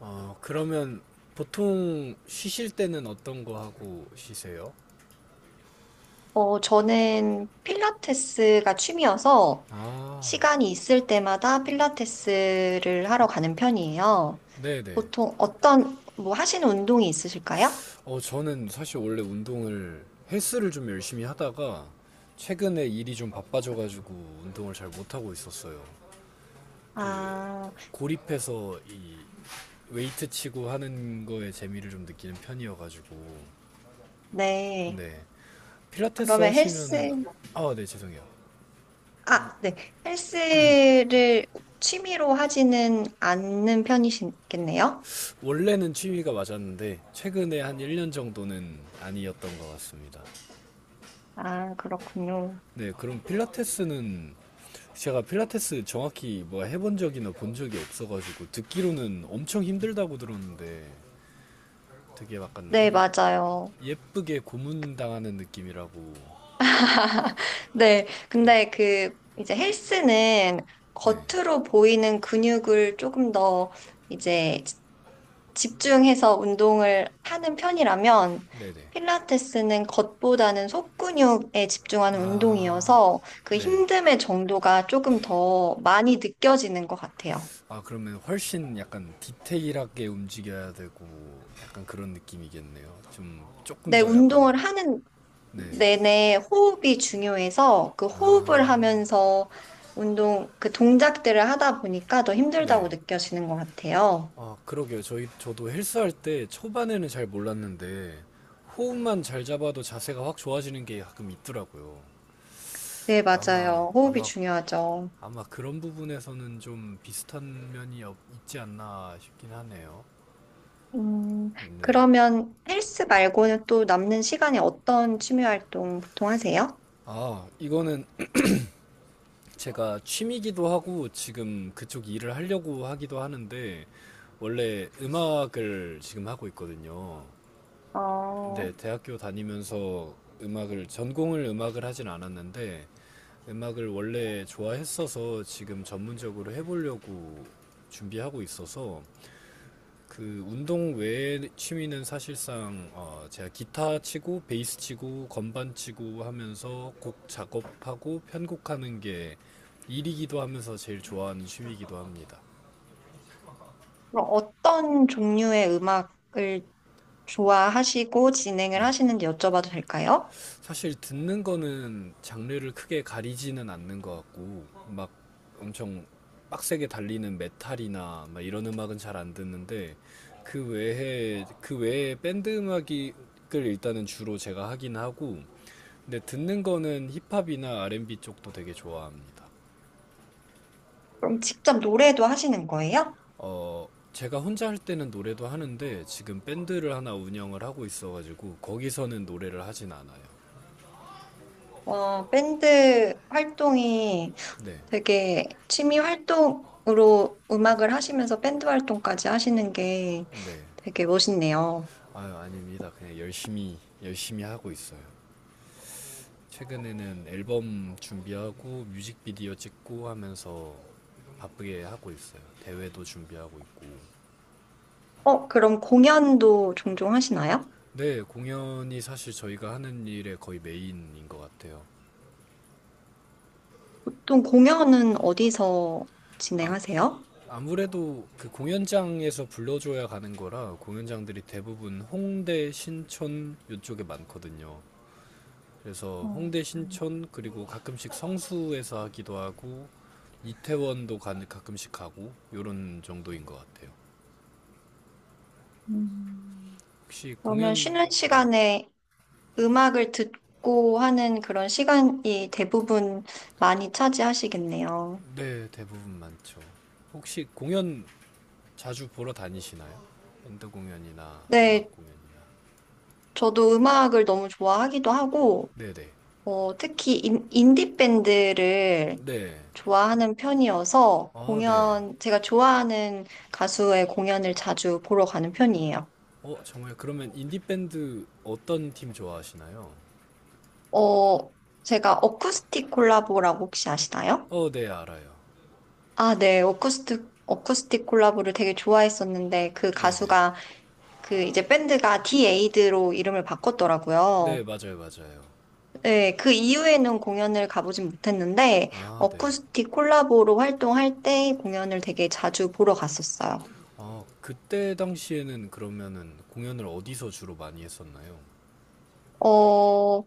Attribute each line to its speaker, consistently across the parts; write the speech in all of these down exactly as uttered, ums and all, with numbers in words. Speaker 1: 어, 그러면 보통 쉬실 때는 어떤 거 하고 쉬세요?
Speaker 2: 어, 저는 필라테스가 취미여서
Speaker 1: 아,
Speaker 2: 시간이 있을 때마다 필라테스를 하러 가는 편이에요.
Speaker 1: 네네.
Speaker 2: 보통 어떤, 뭐 하시는 운동이 있으실까요?
Speaker 1: 어, 저는 사실 원래 운동을, 헬스를 좀 열심히 하다가 최근에 일이 좀 바빠져가지고 운동을 잘 못하고 있었어요. 그,
Speaker 2: 아,
Speaker 1: 고립해서 이 웨이트 치고 하는 거에 재미를 좀 느끼는 편이어가지고.
Speaker 2: 네.
Speaker 1: 네. 필라테스
Speaker 2: 그러면
Speaker 1: 하시면은,
Speaker 2: 헬스,
Speaker 1: 아, 네, 죄송해요.
Speaker 2: 아, 네. 헬스를 취미로 하지는 않는 편이시겠네요?
Speaker 1: 원래는 취미가 맞았는데 최근에 한 일 년 정도는 아니었던 것 같습니다.
Speaker 2: 아, 그렇군요.
Speaker 1: 네, 그럼 필라테스는 제가 필라테스 정확히 뭐 해본 적이나 본 적이 없어가지고 듣기로는 엄청 힘들다고 들었는데 되게 약간
Speaker 2: 네,
Speaker 1: 예-
Speaker 2: 맞아요.
Speaker 1: 예쁘게 고문당하는 느낌이라고.
Speaker 2: 네, 근데 그 이제 헬스는
Speaker 1: 네,
Speaker 2: 겉으로 보이는 근육을 조금 더 이제 집중해서 운동을 하는 편이라면
Speaker 1: 네네.
Speaker 2: 필라테스는 겉보다는 속근육에 집중하는
Speaker 1: 아,
Speaker 2: 운동이어서 그
Speaker 1: 네.
Speaker 2: 힘듦의 정도가 조금 더 많이 느껴지는 것 같아요.
Speaker 1: 아, 그러면 훨씬 약간 디테일하게 움직여야 되고 약간 그런 느낌이겠네요. 좀 조금
Speaker 2: 네,
Speaker 1: 더 약간.
Speaker 2: 운동을 하는
Speaker 1: 네.
Speaker 2: 내내 호흡이 중요해서 그 호흡을
Speaker 1: 아,
Speaker 2: 하면서 운동, 그 동작들을 하다 보니까 더 힘들다고
Speaker 1: 네.
Speaker 2: 느껴지는 것 같아요.
Speaker 1: 아, 그러게요. 저희, 저도 헬스할 때 초반에는 잘 몰랐는데, 호흡만 잘 잡아도 자세가 확 좋아지는 게 가끔 있더라고요.
Speaker 2: 네,
Speaker 1: 아마,
Speaker 2: 맞아요. 호흡이
Speaker 1: 아마,
Speaker 2: 중요하죠.
Speaker 1: 아마 그런 부분에서는 좀 비슷한 면이 없- 있지 않나 싶긴 하네요.
Speaker 2: 음,
Speaker 1: 네.
Speaker 2: 그러면 헬스 말고는 또 남는 시간에 어떤 취미 활동 보통 하세요?
Speaker 1: 아, 이거는 제가 취미기도 하고 지금 그쪽 일을 하려고 하기도 하는데, 원래 음악을 지금 하고 있거든요.
Speaker 2: 어,
Speaker 1: 네, 대학교 다니면서 음악을 전공을 음악을 하진 않았는데 음악을 원래 좋아했어서 지금 전문적으로 해보려고 준비하고 있어서 그 운동 외의 취미는 사실상 어, 제가 기타 치고 베이스 치고 건반 치고 하면서 곡 작업하고 편곡하는 게 일이기도 하면서 제일 좋아하는 취미이기도 합니다.
Speaker 2: 그럼 어떤 종류의 음악을 좋아하시고 진행을
Speaker 1: 네.
Speaker 2: 하시는지 여쭤봐도 될까요?
Speaker 1: 사실 듣는 거는 장르를 크게 가리지는 않는 것 같고 막 엄청 빡세게 달리는 메탈이나 막 이런 음악은 잘 안 듣는데 그 외에 그 외에 밴드 음악을 일단은 주로 제가 하긴 하고 근데 듣는 거는 힙합이나 알앤비 쪽도 되게 좋아합니다.
Speaker 2: 그럼 직접 노래도 하시는 거예요?
Speaker 1: 어, 제가 혼자 할 때는 노래도 하는데 지금 밴드를 하나 운영을 하고 있어가지고 거기서는 노래를 하진 않아요.
Speaker 2: 어, 밴드 활동이
Speaker 1: 네,
Speaker 2: 되게 취미 활동으로 음악을 하시면서 밴드 활동까지 하시는 게
Speaker 1: 네.
Speaker 2: 되게 멋있네요.
Speaker 1: 아유, 아닙니다. 그냥 열심히, 열심히 하고 있어요. 최근에는 앨범 준비하고 뮤직비디오 찍고 하면서 바쁘게 하고 있어요. 대회도 준비하고 있고.
Speaker 2: 어, 그럼 공연도 종종 하시나요?
Speaker 1: 네, 공연이 사실 저희가 하는 일의 거의 메인인 것 같아요.
Speaker 2: 보통 공연은 어디서
Speaker 1: 아,
Speaker 2: 진행하세요?
Speaker 1: 아무래도 그 공연장에서 불러줘야 가는 거라 공연장들이 대부분 홍대, 신촌 이쪽에 많거든요. 그래서
Speaker 2: 어,
Speaker 1: 홍대 신촌 그리고 가끔씩 성수에서 하기도 하고 이태원도 가, 가끔씩 가고 요런 정도인 것 같아요.
Speaker 2: 음,
Speaker 1: 혹시
Speaker 2: 그러면
Speaker 1: 공연
Speaker 2: 쉬는
Speaker 1: 네.
Speaker 2: 시간에 음악을 듣고 하는 그런 시간이 대부분 많이 차지하시겠네요.
Speaker 1: 네, 대부분 많죠. 혹시 공연 자주 보러 다니시나요? 밴드 공연이나 음악
Speaker 2: 네,
Speaker 1: 공연이나.
Speaker 2: 저도 음악을 너무 좋아하기도 하고,
Speaker 1: 네, 네.
Speaker 2: 어, 특히 인, 인디 밴드를
Speaker 1: 네.
Speaker 2: 좋아하는 편이어서
Speaker 1: 아, 네.
Speaker 2: 공연, 제가 좋아하는 가수의 공연을 자주 보러 가는 편이에요.
Speaker 1: 어, 정말 그러면 인디 밴드 어떤 팀 좋아하시나요?
Speaker 2: 어, 제가 어쿠스틱 콜라보라고 혹시 아시나요?
Speaker 1: 어, 네, 알아요.
Speaker 2: 아, 네. 어쿠스틱, 어쿠스틱 콜라보를 되게 좋아했었는데 그
Speaker 1: 네, 네.
Speaker 2: 가수가 그 이제 밴드가 디에이드로 이름을
Speaker 1: 네,
Speaker 2: 바꿨더라고요.
Speaker 1: 맞아요, 맞아요.
Speaker 2: 네. 그 이후에는 공연을 가보진 못했는데
Speaker 1: 아, 네.
Speaker 2: 어쿠스틱 콜라보로 활동할 때 공연을 되게 자주 보러 갔었어요.
Speaker 1: 아, 그때 당시에는 그러면은 공연을 어디서 주로 많이 했었나요?
Speaker 2: 어,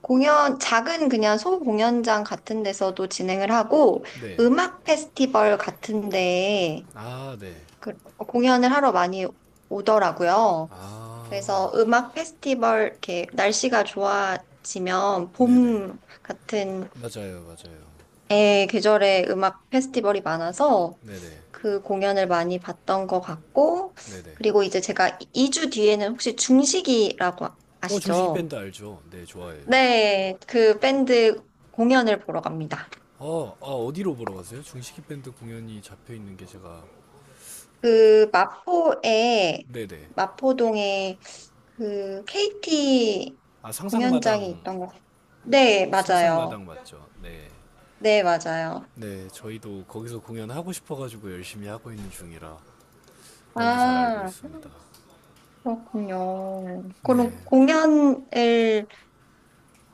Speaker 2: 공연, 작은 그냥 소공연장 같은 데서도 진행을 하고
Speaker 1: 네.
Speaker 2: 음악 페스티벌 같은 데에
Speaker 1: 아, 네.
Speaker 2: 그, 어, 공연을 하러 많이 오더라고요.
Speaker 1: 아,
Speaker 2: 그래서 음악 페스티벌, 이렇게 날씨가 좋아지면
Speaker 1: 네네.
Speaker 2: 봄 같은
Speaker 1: 맞아요, 맞아요.
Speaker 2: 애 계절에 음악 페스티벌이 많아서
Speaker 1: 네네.
Speaker 2: 그 공연을 많이 봤던 것 같고,
Speaker 1: 네네.
Speaker 2: 그리고 이제 제가 이 주 뒤에는 혹시 중식이라고
Speaker 1: 어, 중식이
Speaker 2: 아시죠?
Speaker 1: 밴드 알죠? 네, 좋아해요.
Speaker 2: 네, 그 밴드 공연을 보러 갑니다.
Speaker 1: 어, 아, 어디로 보러 가세요? 중식이 밴드 공연이 잡혀 있는 게 제가.
Speaker 2: 그 마포에,
Speaker 1: 네네.
Speaker 2: 마포동에 그 케이티
Speaker 1: 아,
Speaker 2: 공연장이
Speaker 1: 상상마당,
Speaker 2: 있던 것. 네, 맞아요.
Speaker 1: 상상마당 맞죠? 네.
Speaker 2: 네, 맞아요.
Speaker 1: 네, 저희도 거기서 공연하고 싶어가지고 열심히 하고 있는 중이라 너무 잘 알고
Speaker 2: 아,
Speaker 1: 있습니다.
Speaker 2: 그렇군요.
Speaker 1: 네.
Speaker 2: 그럼 공연을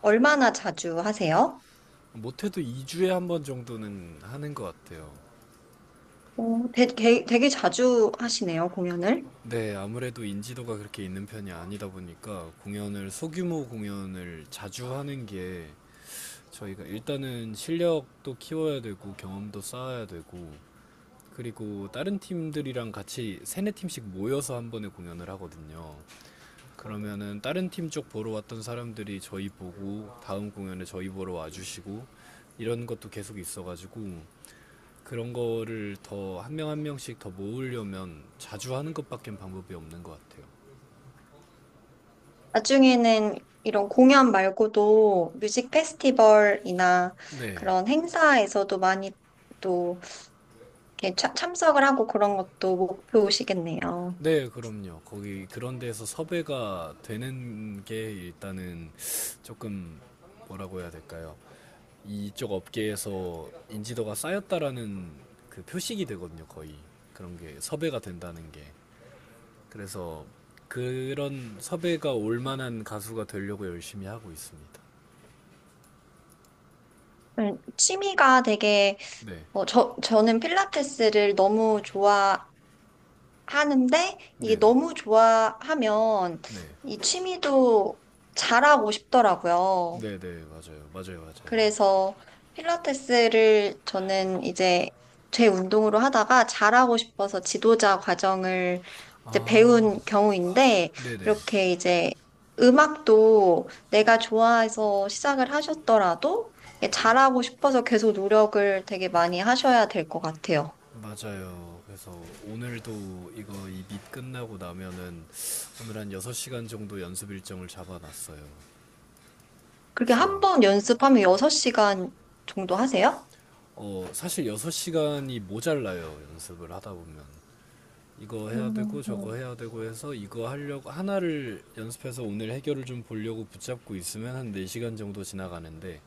Speaker 2: 얼마나 자주 하세요?
Speaker 1: 못해도 이 주에 한 번 정도는 하는 것 같아요.
Speaker 2: 어, 되, 게- 되게 자주 하시네요, 공연을.
Speaker 1: 네, 아무래도 인지도가 그렇게 있는 편이 아니다 보니까 공연을, 소규모 공연을 자주 하는 게 저희가 일단은 실력도 키워야 되고 경험도 쌓아야 되고 그리고 다른 팀들이랑 같이 세네 팀씩 모여서 한 번에 공연을 하거든요. 그러면은 다른 팀 쪽 보러 왔던 사람들이 저희 보고 다음 공연에 저희 보러 와주시고 이런 것도 계속 있어가지고 그런 거를 더 한 명 한 명씩 더 모으려면 자주 하는 것밖엔 방법이 없는 것 같아요.
Speaker 2: 나중에는 이런 공연 말고도 뮤직 페스티벌이나
Speaker 1: 네.
Speaker 2: 그런 행사에서도 많이 또 이렇게 참- 참석을 하고 그런 것도 목표시겠네요.
Speaker 1: 네, 그럼요. 거기 그런 데서 섭외가 되는 게 일단은 조금 뭐라고 해야 될까요? 이쪽 업계에서 인지도가 쌓였다라는 그 표식이 되거든요, 거의. 그런 게 섭외가 된다는 게. 그래서 그런 섭외가 올 만한 가수가 되려고 열심히 하고 있습니다.
Speaker 2: 음, 취미가 되게,
Speaker 1: 네.
Speaker 2: 어, 저, 저는 필라테스를 너무 하는데 이게
Speaker 1: 네네.
Speaker 2: 너무 좋아하면
Speaker 1: 네.
Speaker 2: 이 취미도 잘하고 싶더라고요.
Speaker 1: 네네 맞아요 맞아요 맞아요.
Speaker 2: 그래서 필라테스를 저는 이제 제 운동으로 하다가 잘하고 싶어서 지도자 과정을 이제
Speaker 1: 아,
Speaker 2: 배운 경우인데
Speaker 1: 네네
Speaker 2: 이렇게 이제 음악도 내가 좋아해서 시작을 하셨더라도 이게 잘하고 싶어서 계속 노력을 되게 많이 하셔야 될 것 같아요.
Speaker 1: 맞아요. 그래서 오늘도 이거 이 밑 끝나고 나면은 오늘 한 여섯 시간 정도 연습 일정을 잡아놨어요.
Speaker 2: 그렇게
Speaker 1: 그래서
Speaker 2: 한 번 연습하면 여섯 시간 정도 하세요?
Speaker 1: 어 사실 여섯 시간이 모자라요. 연습을 하다 보면 이거 해야
Speaker 2: 음,
Speaker 1: 되고 저거
Speaker 2: 음.
Speaker 1: 해야 되고 해서 이거 하려고 하나를 연습해서 오늘 해결을 좀 보려고 붙잡고 있으면 한 네 시간 정도 지나가는데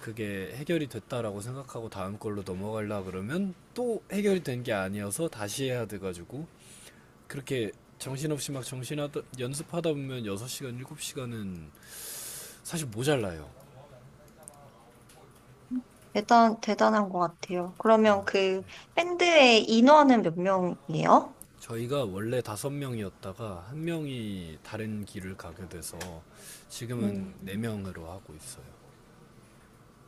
Speaker 1: 그게 해결이 됐다라고 생각하고 다음 걸로 넘어가려 그러면 또 해결이 된게 아니어서 다시 해야 돼가지고 그렇게 정신없이 막 정신하다 연습하다 보면 여섯 시간, 일곱 시간은 사실 모자라요.
Speaker 2: 대단, 대단한 것 같아요. 그러면 그 밴드의 인원은 몇 명이에요?
Speaker 1: 저희가 원래 다섯 명이었다가 한 명이 다른 길을 가게 돼서 지금은 네
Speaker 2: 음,
Speaker 1: 명으로 하고 있어요.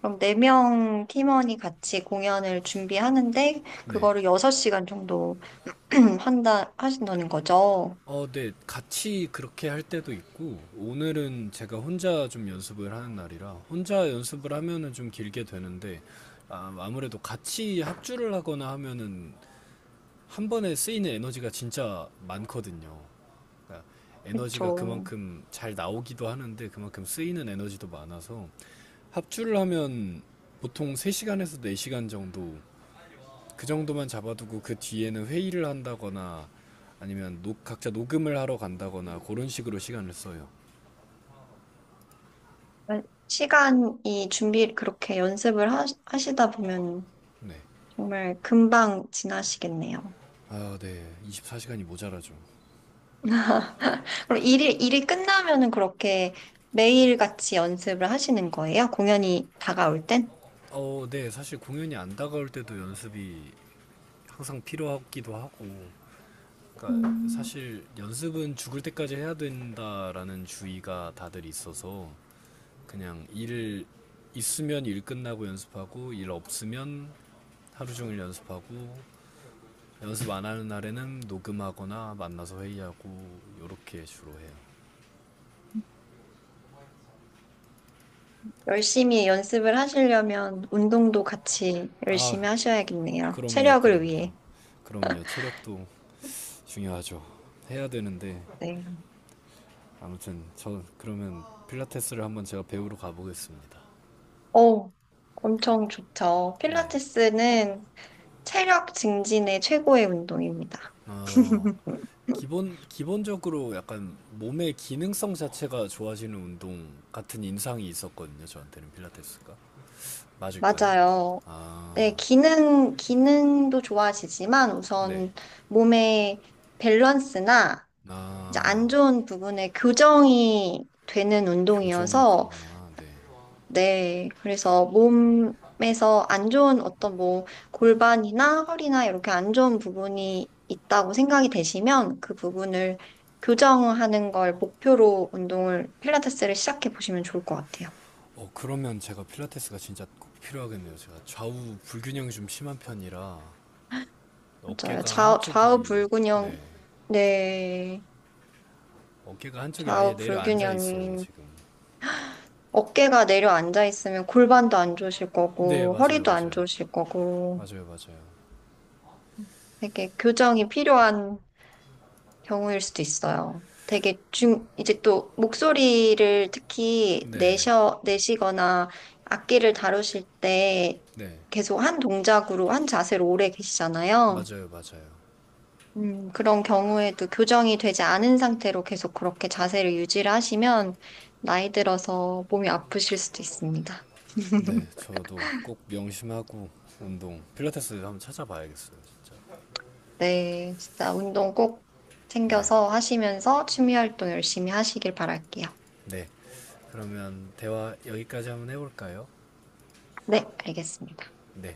Speaker 2: 그럼 네 명 팀원이 같이 공연을 준비하는데,
Speaker 1: 네.
Speaker 2: 그거를 여섯 시간 정도 한다, 하신다는 거죠?
Speaker 1: 어, 네. 같이 그렇게 할 때도 있고, 오늘은 제가 혼자 좀 연습을 하는 날이라, 혼자 연습을 하면은 좀 길게 되는데, 아, 아무래도 같이 합주를 하거나 하면은 한 번에 쓰이는 에너지가 진짜 많거든요. 그러니까 에너지가
Speaker 2: 그렇죠.
Speaker 1: 그만큼 잘 나오기도 하는데, 그만큼 쓰이는 에너지도 많아서, 합주를 하면 보통 세 시간에서 네 시간 정도 그 정도만 잡아두고 그 뒤에는 회의를 한다거나 아니면 녹- 각자 녹음을 하러 간다거나 그런 식으로 시간을 써요.
Speaker 2: 시간이 준비, 그렇게 연습을 하, 하시다 보면
Speaker 1: 네.
Speaker 2: 정말 금방 지나시겠네요.
Speaker 1: 아, 네. 이십사 시간이 모자라죠.
Speaker 2: 그럼 일이, 일이 끝나면은 그렇게 매일같이 연습을 하시는 거예요? 공연이 다가올 땐?
Speaker 1: 어, 네. 사실 공연이 안 다가올 때도 연습이 항상 필요하기도 하고. 그러니까
Speaker 2: 음.
Speaker 1: 사실 연습은 죽을 때까지 해야 된다라는 주의가 다들 있어서 그냥 일 있으면 일 끝나고 연습하고 일 없으면 하루 종일 연습하고 연습 안 하는 날에는 녹음하거나 만나서 회의하고 요렇게 주로 해요.
Speaker 2: 열심히 연습을 하시려면 운동도 같이
Speaker 1: 아,
Speaker 2: 열심히 하셔야겠네요.
Speaker 1: 그럼요,
Speaker 2: 체력을
Speaker 1: 그럼요.
Speaker 2: 위해.
Speaker 1: 그럼요. 체력도 중요하죠. 해야 되는데
Speaker 2: 네.
Speaker 1: 아무튼 저 그러면 필라테스를 한번 제가 배우러 가보겠습니다.
Speaker 2: 어, 엄청 좋죠.
Speaker 1: 네.
Speaker 2: 필라테스는 체력 증진의 최고의 운동입니다.
Speaker 1: 어, 기본 기본적으로 약간 몸의 기능성 자체가 좋아지는 운동 같은 인상이 있었거든요. 저한테는 필라테스가 맞을까요?
Speaker 2: 맞아요.
Speaker 1: 아,
Speaker 2: 네, 기능, 기능도 좋아지지만
Speaker 1: 네.
Speaker 2: 우선 몸의 밸런스나 이제
Speaker 1: 아,
Speaker 2: 안 좋은 부분에 교정이 되는
Speaker 1: 교정이
Speaker 2: 운동이어서,
Speaker 1: 그구나. 네.
Speaker 2: 네. 그래서 몸에서 안 좋은 어떤 뭐 골반이나 허리나 이렇게 안 좋은 부분이 있다고 생각이 되시면 그 부분을 교정하는 걸 목표로 운동을, 필라테스를 시작해 보시면 좋을 것 같아요.
Speaker 1: 어, 그러면 제가 필라테스가 진짜 꼭 필요하겠네요. 제가 좌우 불균형이 좀 심한 편이라
Speaker 2: 맞아요.
Speaker 1: 어깨가
Speaker 2: 좌, 좌우
Speaker 1: 한쪽이
Speaker 2: 불균형,
Speaker 1: 네.
Speaker 2: 네.
Speaker 1: 어깨가 한쪽이 아예
Speaker 2: 좌우
Speaker 1: 내려앉아 있어요,
Speaker 2: 불균형이
Speaker 1: 지금.
Speaker 2: 어깨가 내려앉아 있으면 골반도 안 좋으실
Speaker 1: 네,
Speaker 2: 거고,
Speaker 1: 맞아요,
Speaker 2: 허리도 안
Speaker 1: 맞아요.
Speaker 2: 좋으실 거고,
Speaker 1: 맞아요, 맞아요.
Speaker 2: 되게 교정이 필요한 경우일 수도 있어요. 되게 중, 이제 또 목소리를 특히
Speaker 1: 네.
Speaker 2: 내셔, 내시거나 악기를 다루실 때
Speaker 1: 네.
Speaker 2: 계속 한 동작으로, 한 자세로 오래 계시잖아요.
Speaker 1: 맞아요, 맞아요.
Speaker 2: 음, 그런 경우에도 교정이 되지 않은 상태로 계속 그렇게 자세를 유지를 하시면 나이 들어서 몸이 아프실 수도 있습니다.
Speaker 1: 네, 저도 꼭 명심하고 운동 필라테스 한번 찾아봐야겠어요, 진짜.
Speaker 2: 네, 진짜 운동 꼭
Speaker 1: 네.
Speaker 2: 챙겨서 하시면서 취미 활동 열심히 하시길 바랄게요.
Speaker 1: 네. 그러면 대화 여기까지 한번 해볼까요?
Speaker 2: 네, 알겠습니다.
Speaker 1: 네.